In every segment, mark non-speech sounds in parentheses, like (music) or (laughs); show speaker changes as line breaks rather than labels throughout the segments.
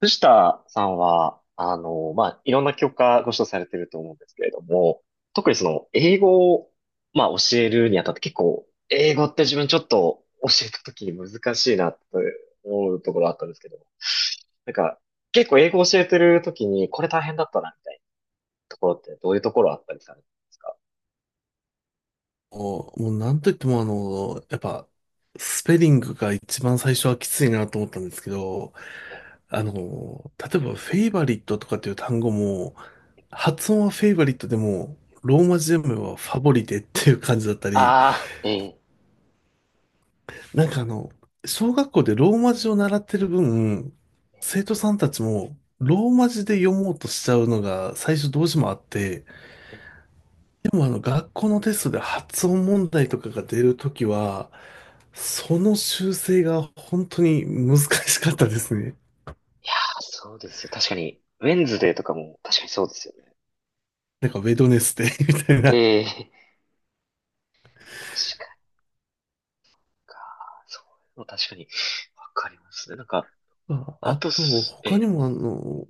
藤田さんは、まあ、いろんな教科ご指導されてると思うんですけれども、特に英語を、まあ、教えるにあたって結構、英語って自分ちょっと教えた時に難しいなって思うところあったんですけど、なんか、結構英語教えてる時にこれ大変だったなみたいなところってどういうところあったりされるんですか？
もうなんといってもやっぱ、スペリングが一番最初はきついなと思ったんですけど、例えばフェイバリットとかっていう単語も、発音はフェイバリットでも、ローマ字読めばファボリテっていう感じだったり、
ああー、ええ。
なんかあの、小学校でローマ字を習ってる分、生徒さんたちも、ローマ字で読もうとしちゃうのが最初どうしてもあって、でも学校のテストで発音問題とかが出るときは、その修正が本当に難しかったですね。
あ、そうですよ。確かに、ウェンズデーとかも確かにそうですよね。
なんかウェドネスデー (laughs) みたいな。
ええ。確かに。そういうの確かに、わかりますね。なんか、
まあ
あ
あ
と
と、
え
他に
え、
もあの、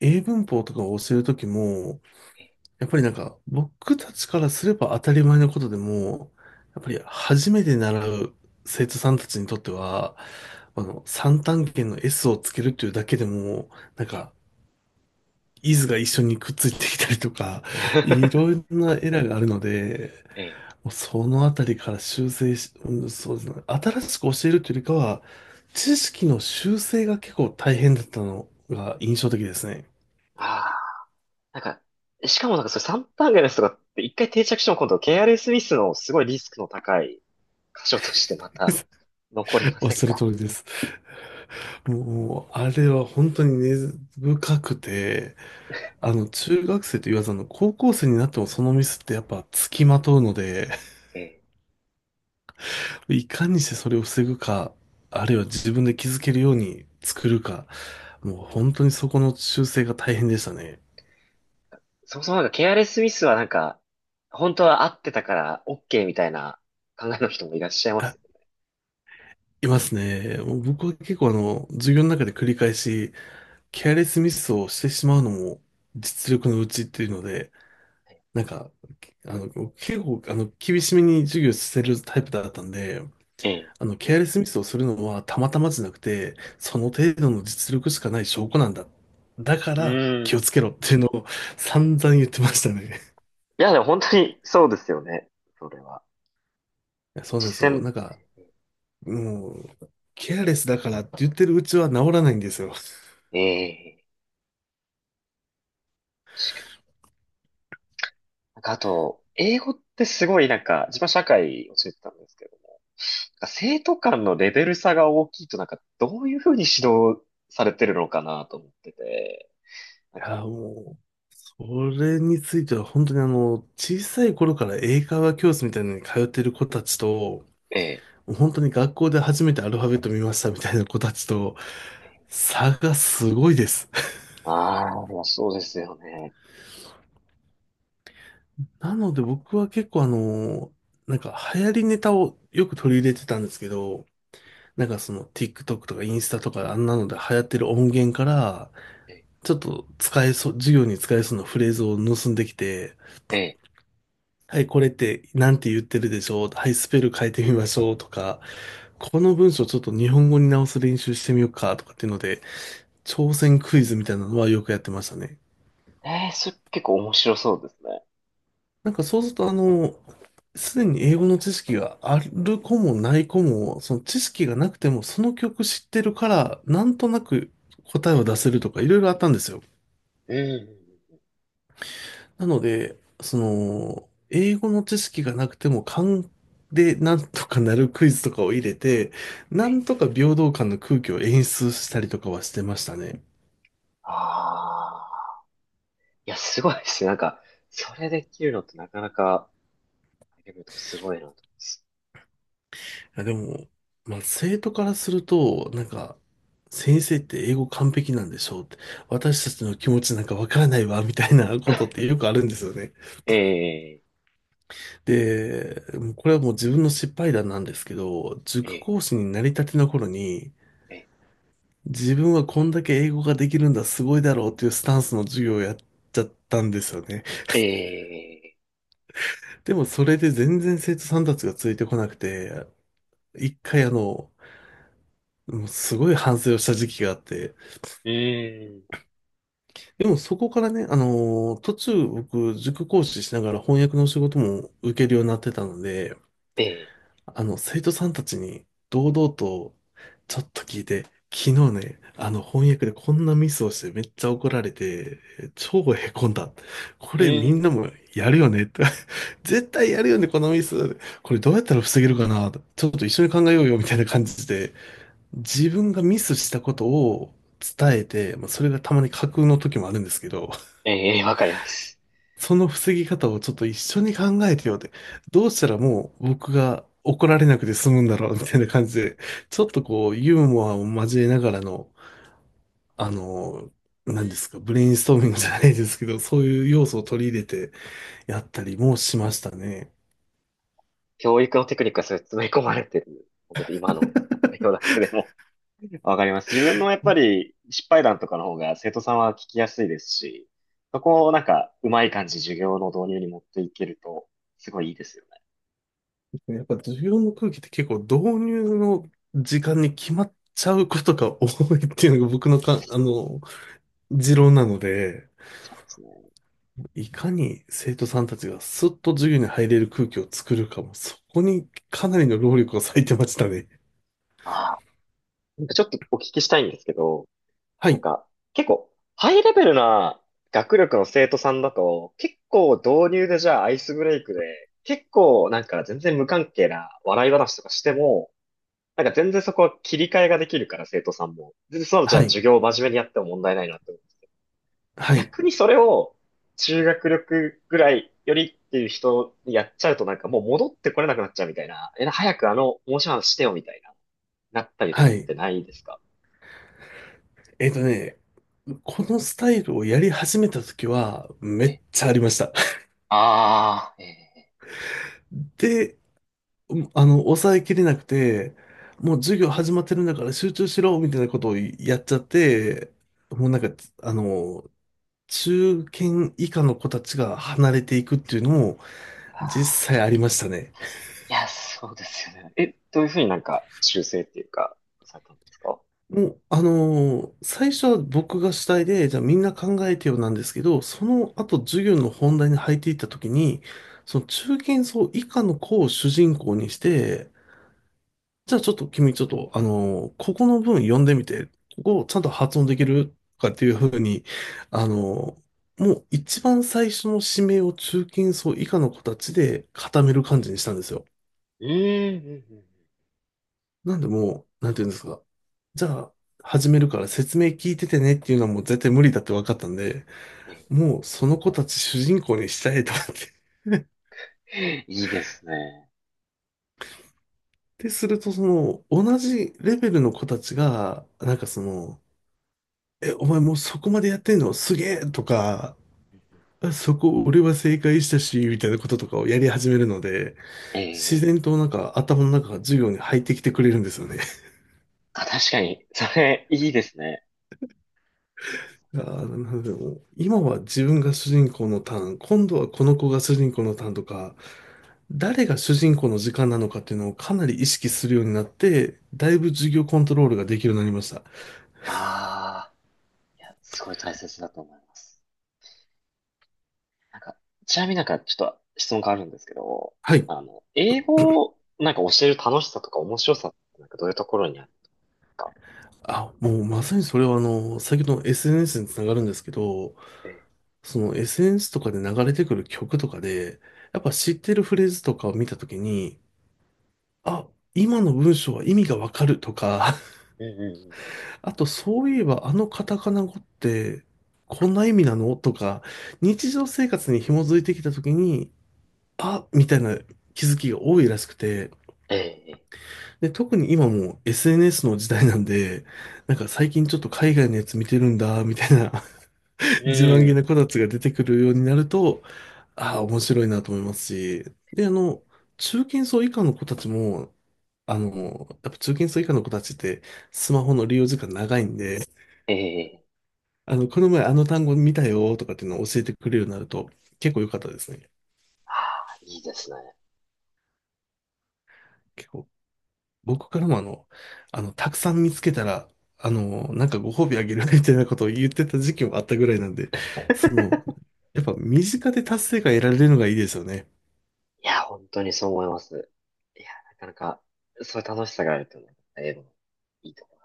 英文法とかを教えるときも、
え
やっぱりなんか僕たちからすれば当たり前のことでも、やっぱり初めて習う生徒さんたちにとっては、三単元の S をつけるっていうだけでも、なん
え、
か、イズが一緒にくっついてきたりとか、いろんなエラーがあるので、
ええ、(laughs) ええ、
もうそのあたりから修正し、うん、そうですね。新しく教えるというよりかは、知識の修正が結構大変だったのが印象的ですね。
ああ、なんか、しかもなんかそれ3段階のやつとかって一回定着しても今度ケーアレスミスのすごいリスクの高い箇所としてまた (laughs) 残り
(laughs)
ま
おっ
せん
しゃる
か？
通りです。もう、あれは本当に根深くて、中学生と言わず、高校生になってもそのミスってやっぱ付きまとうので、
ええ、
いかにしてそれを防ぐか、あるいは自分で気づけるように作るか、もう本当にそこの修正が大変でしたね。
そもそもなんか KRS スミスはなんか、本当は合ってたから OK みたいな考えの人もいらっしゃいます
あ、
よ
いますね。もう僕は結構あの、授業の中で繰り返し、ケアレスミスをしてしまうのも実力のうちっていうので、
ね。
なんか、あの、結構あの、厳しめに授業してるタイプだったんで、
ええ。
ケアレスミスをするのはたまたまじゃなくて、その程度の実力しかない証拠なんだ。だか
う
ら
ー
気
ん。
をつけろっていうのを散々言ってましたね。
いや、でも本当にそうですよね。それは。
そう
実
なんですよ。
践、
もう、ケアレスだからって言ってるうちは治らないんですよ。
ええ。なんかあと、英語ってすごいなんか、自分は社会を教えてたんですけども、なんか生徒間のレベル差が大きいとなんか、どういうふうに指導されてるのかなと思ってて、な
い
ん
や、
か、
もう、それについては本当に、小さい頃から英会話教室みたいなのに通ってる子たちと、
ええ、
もう本当に学校で初めてアルファベット見ましたみたいな子たちと、差がすごいです。
ああ、いやそうですよね。
なので僕は結構あの、なんか流行りネタをよく取り入れてたんですけど、なんかその TikTok とかインスタとかあんなので流行ってる音源から、
ええ、
ちょっと使えそう、授業に使えそうなフレーズを盗んできて、
ええ、
はい、これってなんて言ってるでしょう。はい、スペル変えてみましょうとか、この文章ちょっと日本語に直す練習してみようかとかっていうので、挑戦クイズみたいなのはよくやってましたね。
ええそれ結構面白そうですね。
なんかそうすると、すでに英語の知識がある子もない子も、その知識がなくてもその曲知ってるから、なんとなく答えを出せるとかいろいろあったんですよ。
うんうんうん。
なので、その、英語の知識がなくても勘でなんとかなるクイズとかを入れて、
え
なん
え、
とか平等感の空気を演出したりとかはしてましたね。
ああ、いや、すごいですね。なんか、それできるのってなかなか、レベルとかすごいなと思います。
いや、でも、まあ、生徒からすると、なんか、先生って英語完璧なんでしょうって、私たちの気持ちなんかわからないわ、みたいなことっ
(laughs)
てよくあるんですよね。
ええ、
で、もうこれはもう自分の失敗談なんですけど、
え
塾
え、
講師になりたての頃に、
え
自分はこんだけ英語ができるんだ、すごいだろうっていうスタンスの授業をやっちゃったんですよね。
え、ええ、
でもそれで全然生徒さんたちがついてこなくて、一回あの、もうすごい反省をした時期があって、
うーん。
でもそこからね、途中僕、塾講師しながら翻訳の仕事も受けるようになってたので、
え
生徒さんたちに堂々とちょっと聞いて、昨日ね、翻訳でこんなミスをしてめっちゃ怒られて、超へこんだ。こ
え
れみんなも
え。
やるよねって。(laughs) 絶対やるよね、このミス。これどうやったら防げるかな。ちょっと一緒に考えようよみたいな感じで、自分がミスしたことを伝えて、まあ、それがたまに架空の時もあるんですけど、
え、ええ、わかります。
その防ぎ方をちょっと一緒に考えてよって、どうしたらもう僕が怒られなくて済むんだろうみたいな感じで、ちょっとこうユーモアを交えながらの、あの、何ですか、ブレインストーミングじゃないですけど、そういう要素を取り入れてやったりもしましたね。
教育のテクニックがすごい詰め込まれてる。ちょっと今の内容だけでも (laughs) わかります。自分のやっぱり失敗談とかの方が生徒さんは聞きやすいですし、そこをなんかうまい感じ授業の導入に持っていけると、すごいいいですよね。
やっぱ授業の空気って結構導入の時間に決まっちゃうことが多いっていうのが僕のか、あの、持論なので、
ですね。
いかに生徒さんたちがスッと授業に入れる空気を作るかも、そこにかなりの労力を割いてましたね。
ああ、なんかちょっとお聞きしたいんですけど、
は
なん
い、
か、結構、ハイレベルな学力の生徒さんだと、結構導入でじゃあアイスブレイクで、結構なんか全然無関係な笑い話とかしても、なんか全然そこは切り替えができるから生徒さんも。全然そのじゃあ
はい、
授業を真面目にやっても問題ないなって思うんです。
はい、
逆にそれを中学力ぐらいよりっていう人にやっちゃうとなんかもう戻ってこれなくなっちゃうみたいな。え、早く面白い話してよみたいな、なったりと
は
かっ
い。
てないですか？
えっとね、このスタイルをやり始めた時は、めっ
え、
ちゃありました。
ああ、えー、
(laughs) で、抑えきれなくて、もう授業始まってるんだから集中しろ、みたいなことをやっちゃって、もうなんか、あの、中堅以下の子たちが離れていくっていうのも
あー、
実際ありましたね。
いや、そうですよね。え、どういうふうになんか修正っていうか、されたんですか？
もう、最初は僕が主体で、じゃあみんな考えてよなんですけど、その後授業の本題に入っていった時に、その中堅層以下の子を主人公にして、じゃあちょっと君ちょっと、あのーここの文読んでみて、ここをちゃんと発音できるとかっていうふうに、あのーもう一番最初の指名を中堅層以下の子たちで固める感じにしたんですよ。
うん、うん、うんうん。
なんでもう、なんていうんですか。じゃあ、始めるから説明聞いててねっていうのはもう絶対無理だって分かったんで、
え
もうその子たち主人公にしたいと思って。
えいいですね。
(laughs) で、するとその、同じレベルの子たちが、なんかその、え、お前もうそこまでやってんのすげえとか、あそこ俺は正解したし、みたいなこととかをやり始めるので、
え
自
え、
然となんか頭の中が授業に入ってきてくれるんですよね。
あ、確かに、それ、いいですね。
いやーなのでもう今は自分が主人公のターン、今度はこの子が主人公のターンとか、誰が主人公の時間なのかっていうのをかなり意識するようになって、だいぶ授業コントロールができるようになりました。
ああ、いや、すごい大切だと思います。なんか、ちなみになんかちょっと質問があるんですけど、
はい。
英語をなんか教える楽しさとか面白さってなんかどういうところにあるんですか？
あ、もうまさにそれはあの、先ほどの SNS につながるんですけど、
ええ
その SNS とかで流れてくる曲とかで、やっぱ知ってるフレーズとかを見たときに、あ、今の文章は意味がわかるとか、
うんうんうんうん。
あと、そういえば、あのカタカナ語って、こんな意味なのとか、日常生活に紐づいてきたときに、あ、みたいな気づきが多いらしくて、
ええ
で、特に今もう SNS の時代なんで、なんか最近ちょっと海外のやつ見てるんだ、みたいな
う
(laughs) 自慢げ
ん。
な子たちが出てくるようになると、ああ、面白いなと思いますし、で、あ
え
の、中堅層以下の子たちも、やっぱ中堅層以下の子たちってスマホの利用時間長いんで、
えええ。
この前あの単語見たよとかっていうのを教えてくれるようになると結構良かったですね。
ああ、いいですね。
結構、僕からも、たくさん見つけたら、なんかご褒美あげるみたいなことを言ってた時期もあったぐらいなんで、その、やっぱ身近で達成感得られるのがいいですよね。
いや、本当にそう思います。いや、なかなか、そういう楽しさがあるというのは、英語のいいところ